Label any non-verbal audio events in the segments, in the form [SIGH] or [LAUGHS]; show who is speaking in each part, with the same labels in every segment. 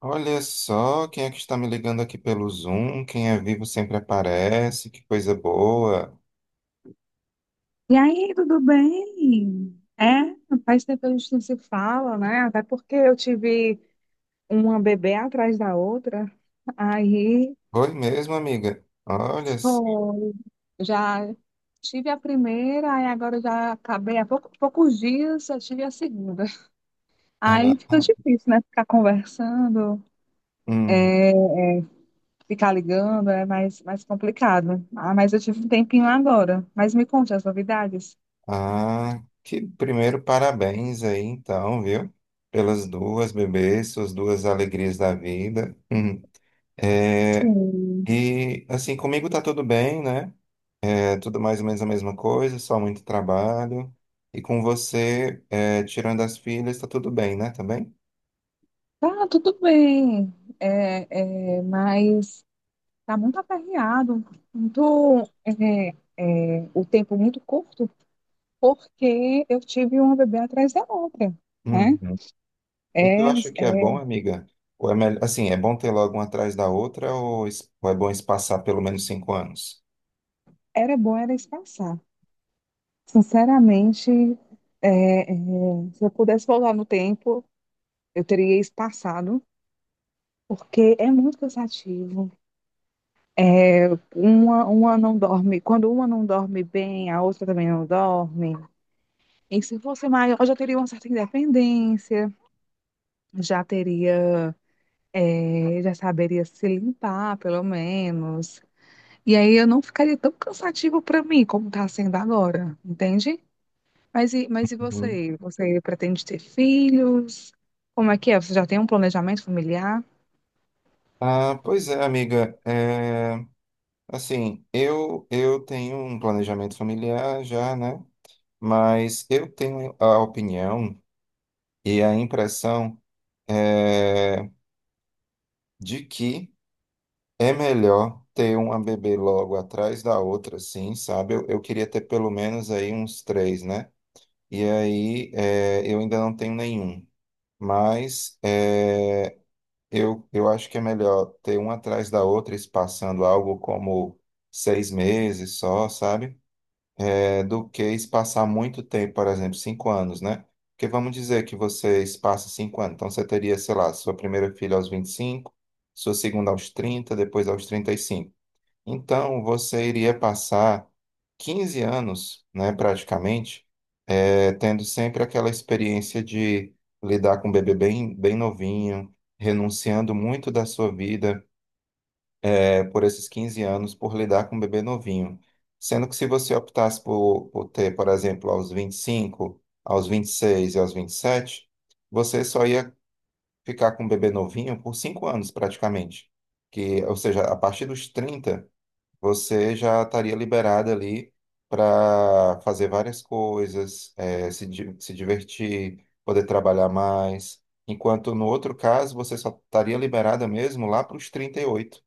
Speaker 1: Olha só quem é que está me ligando aqui pelo Zoom. Quem é vivo sempre aparece. Que coisa boa.
Speaker 2: E aí, tudo bem? Faz tempo que a gente não se fala, né? Até porque eu tive uma bebê atrás da outra. Aí,
Speaker 1: Oi mesmo, amiga. Olha.
Speaker 2: foi. Já tive a primeira, aí agora eu já acabei há poucos dias, eu tive a segunda.
Speaker 1: Ah,
Speaker 2: Aí fica difícil, né? Ficar conversando,
Speaker 1: hum.
Speaker 2: ficar ligando, é mais complicado. Ah, mas eu tive um tempinho agora. Mas me conte as novidades.
Speaker 1: Ah, que primeiro parabéns aí, então, viu? Pelas duas bebês, suas duas alegrias da vida. Hum. É,
Speaker 2: Sim.
Speaker 1: e assim, comigo tá tudo bem, né? É tudo mais ou menos a mesma coisa, só muito trabalho. E com você, é, tirando as filhas, tá tudo bem, né? Também?
Speaker 2: Tá, tudo bem. É, é, mas. Tá muito aperreado, muito, é, o tempo muito curto, porque eu tive uma bebê atrás da outra, né?
Speaker 1: Uhum. E tu
Speaker 2: É,
Speaker 1: acha que é
Speaker 2: é,
Speaker 1: bom, amiga? Ou é melhor, assim, é bom ter logo uma atrás da outra, ou ou é bom espaçar pelo menos cinco anos?
Speaker 2: era bom era espaçar. Sinceramente, é, é, se eu pudesse voltar no tempo, eu teria espaçado, porque é muito cansativo. É, uma não dorme, quando uma não dorme bem, a outra também não dorme. E se fosse maior, eu já teria uma certa independência, já teria É, já saberia se limpar, pelo menos. E aí eu não ficaria tão cansativo para mim como está sendo agora, entende? Mas e
Speaker 1: Uhum.
Speaker 2: você? Você pretende ter filhos? Como é que é? Você já tem um planejamento familiar?
Speaker 1: Ah, pois é, amiga. É, assim, eu tenho um planejamento familiar já, né? Mas eu tenho a opinião e a impressão, é, de que é melhor ter uma bebê logo atrás da outra, sim, sabe? Eu queria ter pelo menos aí uns três, né? E aí, eu ainda não tenho nenhum. Mas eu acho que é melhor ter uma atrás da outra, espaçando algo como seis meses só, sabe? Do que espaçar muito tempo, por exemplo, cinco anos, né? Porque vamos dizer que você espaça cinco anos. Então você teria, sei lá, sua primeira filha aos vinte e cinco, sua segunda aos trinta, depois aos trinta e cinco. Então você iria passar 15 anos, né, praticamente, tendo sempre aquela experiência de lidar com um bebê bem, bem novinho, renunciando muito da sua vida, por esses 15 anos, por lidar com um bebê novinho. Sendo que se você optasse por, ter, por exemplo, aos 25, aos vinte e seis e aos 27, você só ia ficar com um bebê novinho por 5 anos, praticamente. Que, ou seja, a partir dos 30 você já estaria liberada ali para fazer várias coisas, se divertir, poder trabalhar mais. Enquanto no outro caso, você só estaria liberada mesmo lá para os trinta e oito,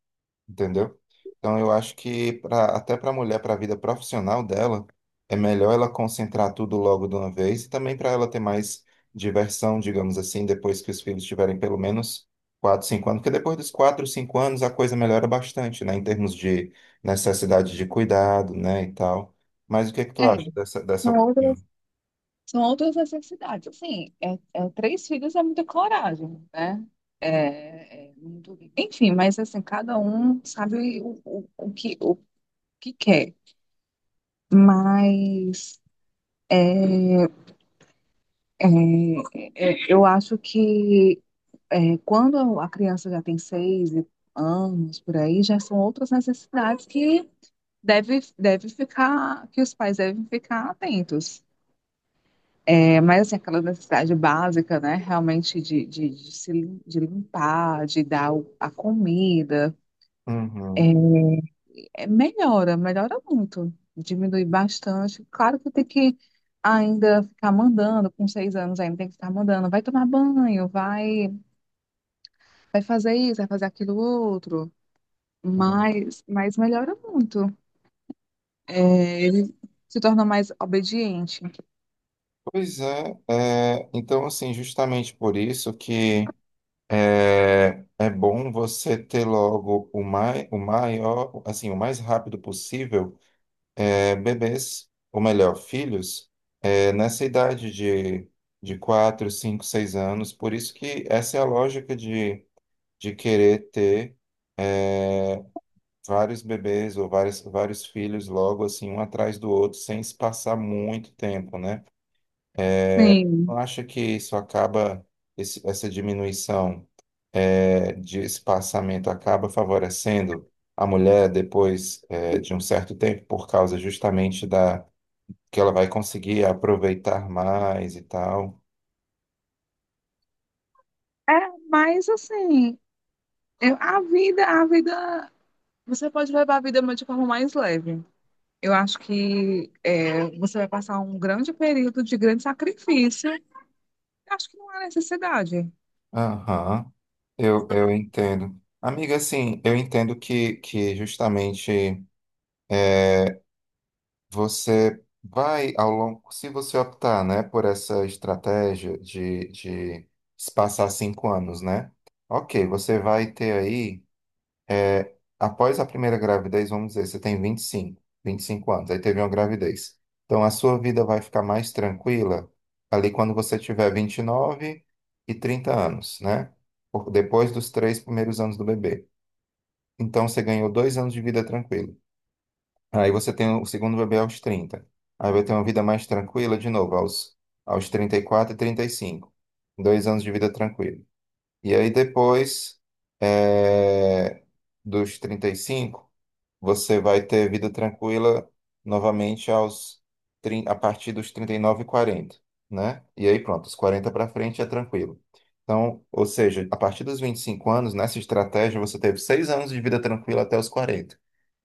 Speaker 1: entendeu? Então eu acho que até para a mulher, para a vida profissional dela, é melhor ela concentrar tudo logo de uma vez e também para ela ter mais diversão, digamos assim, depois que os filhos tiverem pelo menos quatro, 5 anos, porque depois dos quatro, 5 anos a coisa melhora bastante, né, em termos de necessidade de cuidado, né, e tal. Mas o que é que tu
Speaker 2: É,
Speaker 1: acha dessa,
Speaker 2: são
Speaker 1: dessa...
Speaker 2: outras, são outras necessidades. Assim, três filhos é muita coragem, né? É, é muito... Enfim, mas assim, cada um sabe o que quer. Mas É, eu acho que é, quando a criança já tem seis anos, por aí, já são outras necessidades que deve ficar, que os pais devem ficar atentos. É, mas assim, aquela necessidade básica, né? Realmente de se de limpar, de dar a comida,
Speaker 1: Uhum,
Speaker 2: é, melhora muito, diminui bastante. Claro que tem que ainda ficar mandando, com seis anos ainda tem que ficar mandando, vai tomar banho, vai. Vai fazer isso, vai fazer aquilo outro,
Speaker 1: uhum.
Speaker 2: mas melhora muito. É, ele se torna mais obediente.
Speaker 1: Pois é, então assim, justamente por isso que é bom você ter logo o, o maior, assim, o mais rápido possível, bebês, ou melhor, filhos, nessa idade de, 4, 5, 6 anos. Por isso que essa é a lógica de querer ter vários bebês ou vários, vários filhos logo, assim, um atrás do outro, sem se passar muito tempo, né?
Speaker 2: Sim.
Speaker 1: Não acha que isso acaba, essa diminuição, de espaçamento acaba favorecendo a mulher depois, de um certo tempo, por causa justamente da que ela vai conseguir aproveitar mais e tal?
Speaker 2: É, mas assim, a vida, você pode levar a vida de forma mais leve. Eu acho que é, você vai passar um grande período de grande sacrifício. Eu acho que não há necessidade.
Speaker 1: Aham, eu entendo. Amiga, assim, eu entendo que, justamente. Você vai ao longo, se você optar, né, por essa estratégia de se passar cinco anos, né? Ok, você vai ter aí, após a primeira gravidez, vamos dizer, você tem vinte e cinco anos, aí teve uma gravidez. Então a sua vida vai ficar mais tranquila ali quando você tiver vinte e nove e trinta anos, né? Depois dos três primeiros anos do bebê. Então você ganhou dois anos de vida tranquila. Aí você tem o segundo bebê aos 30. Aí vai ter uma vida mais tranquila de novo, aos trinta e quatro, e trinta e cinco. Dois anos de vida tranquila. E aí depois, eh, dos 35 você vai ter vida tranquila novamente a partir dos trinta e nove e quarenta, né? E aí pronto, os 40 para frente é tranquilo. Então, ou seja, a partir dos 25 anos, nessa estratégia, você teve seis anos de vida tranquila até os 40.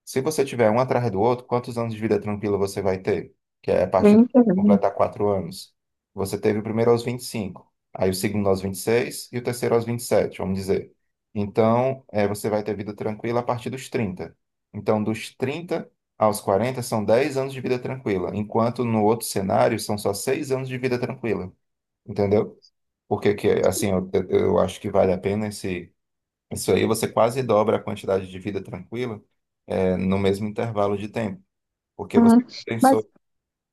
Speaker 1: Se você tiver um atrás do outro, quantos anos de vida tranquila você vai ter? Que é a
Speaker 2: Eu
Speaker 1: partir de
Speaker 2: entendo.
Speaker 1: completar quatro anos. Você teve o primeiro aos 25, aí o segundo aos vinte e seis e o terceiro aos vinte e sete, vamos dizer. Então, você vai ter vida tranquila a partir dos 30. Então, dos 30 aos 40 são 10 anos de vida tranquila, enquanto no outro cenário são só 6 anos de vida tranquila, entendeu? Porque, assim, eu acho que vale a pena isso aí, você quase dobra a quantidade de vida tranquila, no mesmo intervalo de tempo, porque você
Speaker 2: Mas,
Speaker 1: compensou,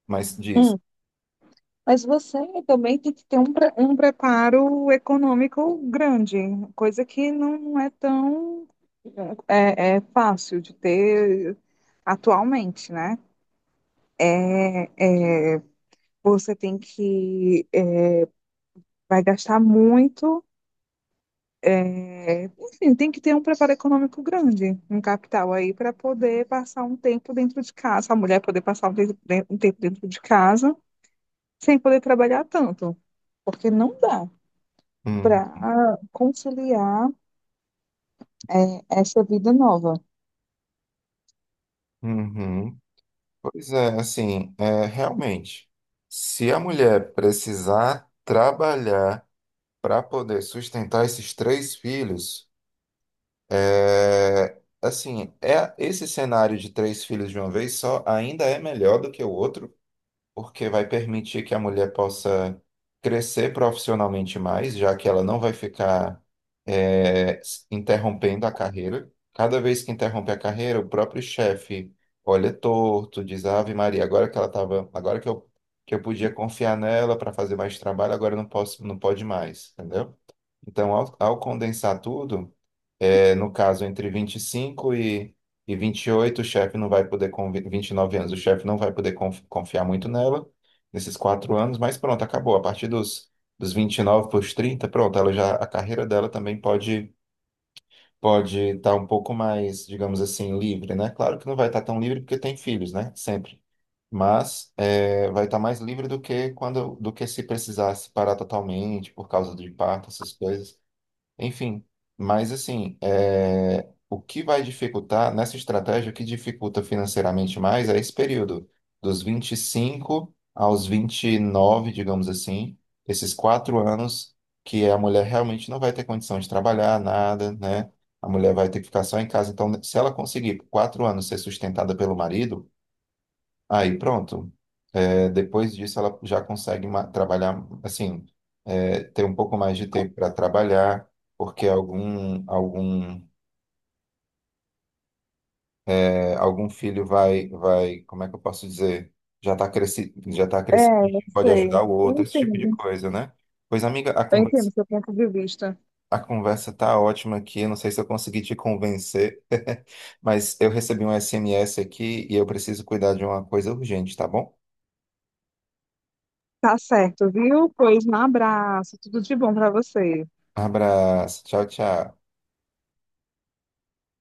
Speaker 1: mas diz.
Speaker 2: Mas você também tem que ter um, um preparo econômico grande, coisa que não é tão é, é fácil de ter atualmente, né? É, é, você tem que é, vai gastar muito, é, enfim, tem que ter um preparo econômico grande, um capital aí para poder passar um tempo dentro de casa, a mulher poder passar um tempo dentro de casa sem poder trabalhar tanto, porque não dá.
Speaker 1: "Hum,
Speaker 2: Para conciliar é, essa vida nova.
Speaker 1: uhum." Pois é, assim, realmente, se a mulher precisar trabalhar para poder sustentar esses três filhos. Assim, é esse cenário de três filhos de uma vez só ainda é melhor do que o outro, porque vai permitir que a mulher possa crescer profissionalmente mais, já que ela não vai ficar interrompendo a carreira. Cada vez que interrompe a carreira, o próprio chefe olha torto, diz Ave Maria, agora que ela tava, agora que eu podia confiar nela para fazer mais trabalho, agora eu não posso, não pode mais, entendeu? Então, ao condensar tudo, no caso, entre vinte e cinco e vinte e oito, o chefe não vai poder, com 29 anos, o chefe não vai poder confiar muito nela nesses quatro anos, mas pronto, acabou. A partir dos, 29 para os 30 pronto, ela já, a carreira dela também pode estar um pouco mais, digamos assim, livre, né? Claro que não vai estar tão livre porque tem filhos, né? Sempre. Mas vai estar mais livre do que quando, do que se precisasse parar totalmente por causa de parto, essas coisas. Enfim, mas assim, o que vai dificultar nessa estratégia, o que dificulta financeiramente mais é esse período, dos 25 aos 29, digamos assim, esses quatro anos que a mulher realmente não vai ter condição de trabalhar, nada, né? A mulher vai ter que ficar só em casa. Então, se ela conseguir por quatro anos ser sustentada pelo marido, aí pronto. Depois disso, ela já consegue trabalhar, assim, ter um pouco mais de tempo para trabalhar, porque algum filho vai, como é que eu posso dizer? Já está crescido, já tá
Speaker 2: É,
Speaker 1: crescido,
Speaker 2: eu
Speaker 1: pode ajudar
Speaker 2: sei.
Speaker 1: o
Speaker 2: Eu
Speaker 1: outro, esse tipo de
Speaker 2: entendo.
Speaker 1: coisa, né? Pois, amiga, a
Speaker 2: Eu entendo
Speaker 1: conversa,
Speaker 2: seu ponto de vista.
Speaker 1: tá ótima aqui, não sei se eu consegui te convencer, [LAUGHS] mas eu recebi um SMS aqui e eu preciso cuidar de uma coisa urgente, tá bom?
Speaker 2: Tá certo, viu? Pois um abraço. Tudo de bom para você.
Speaker 1: Abraço, tchau, tchau.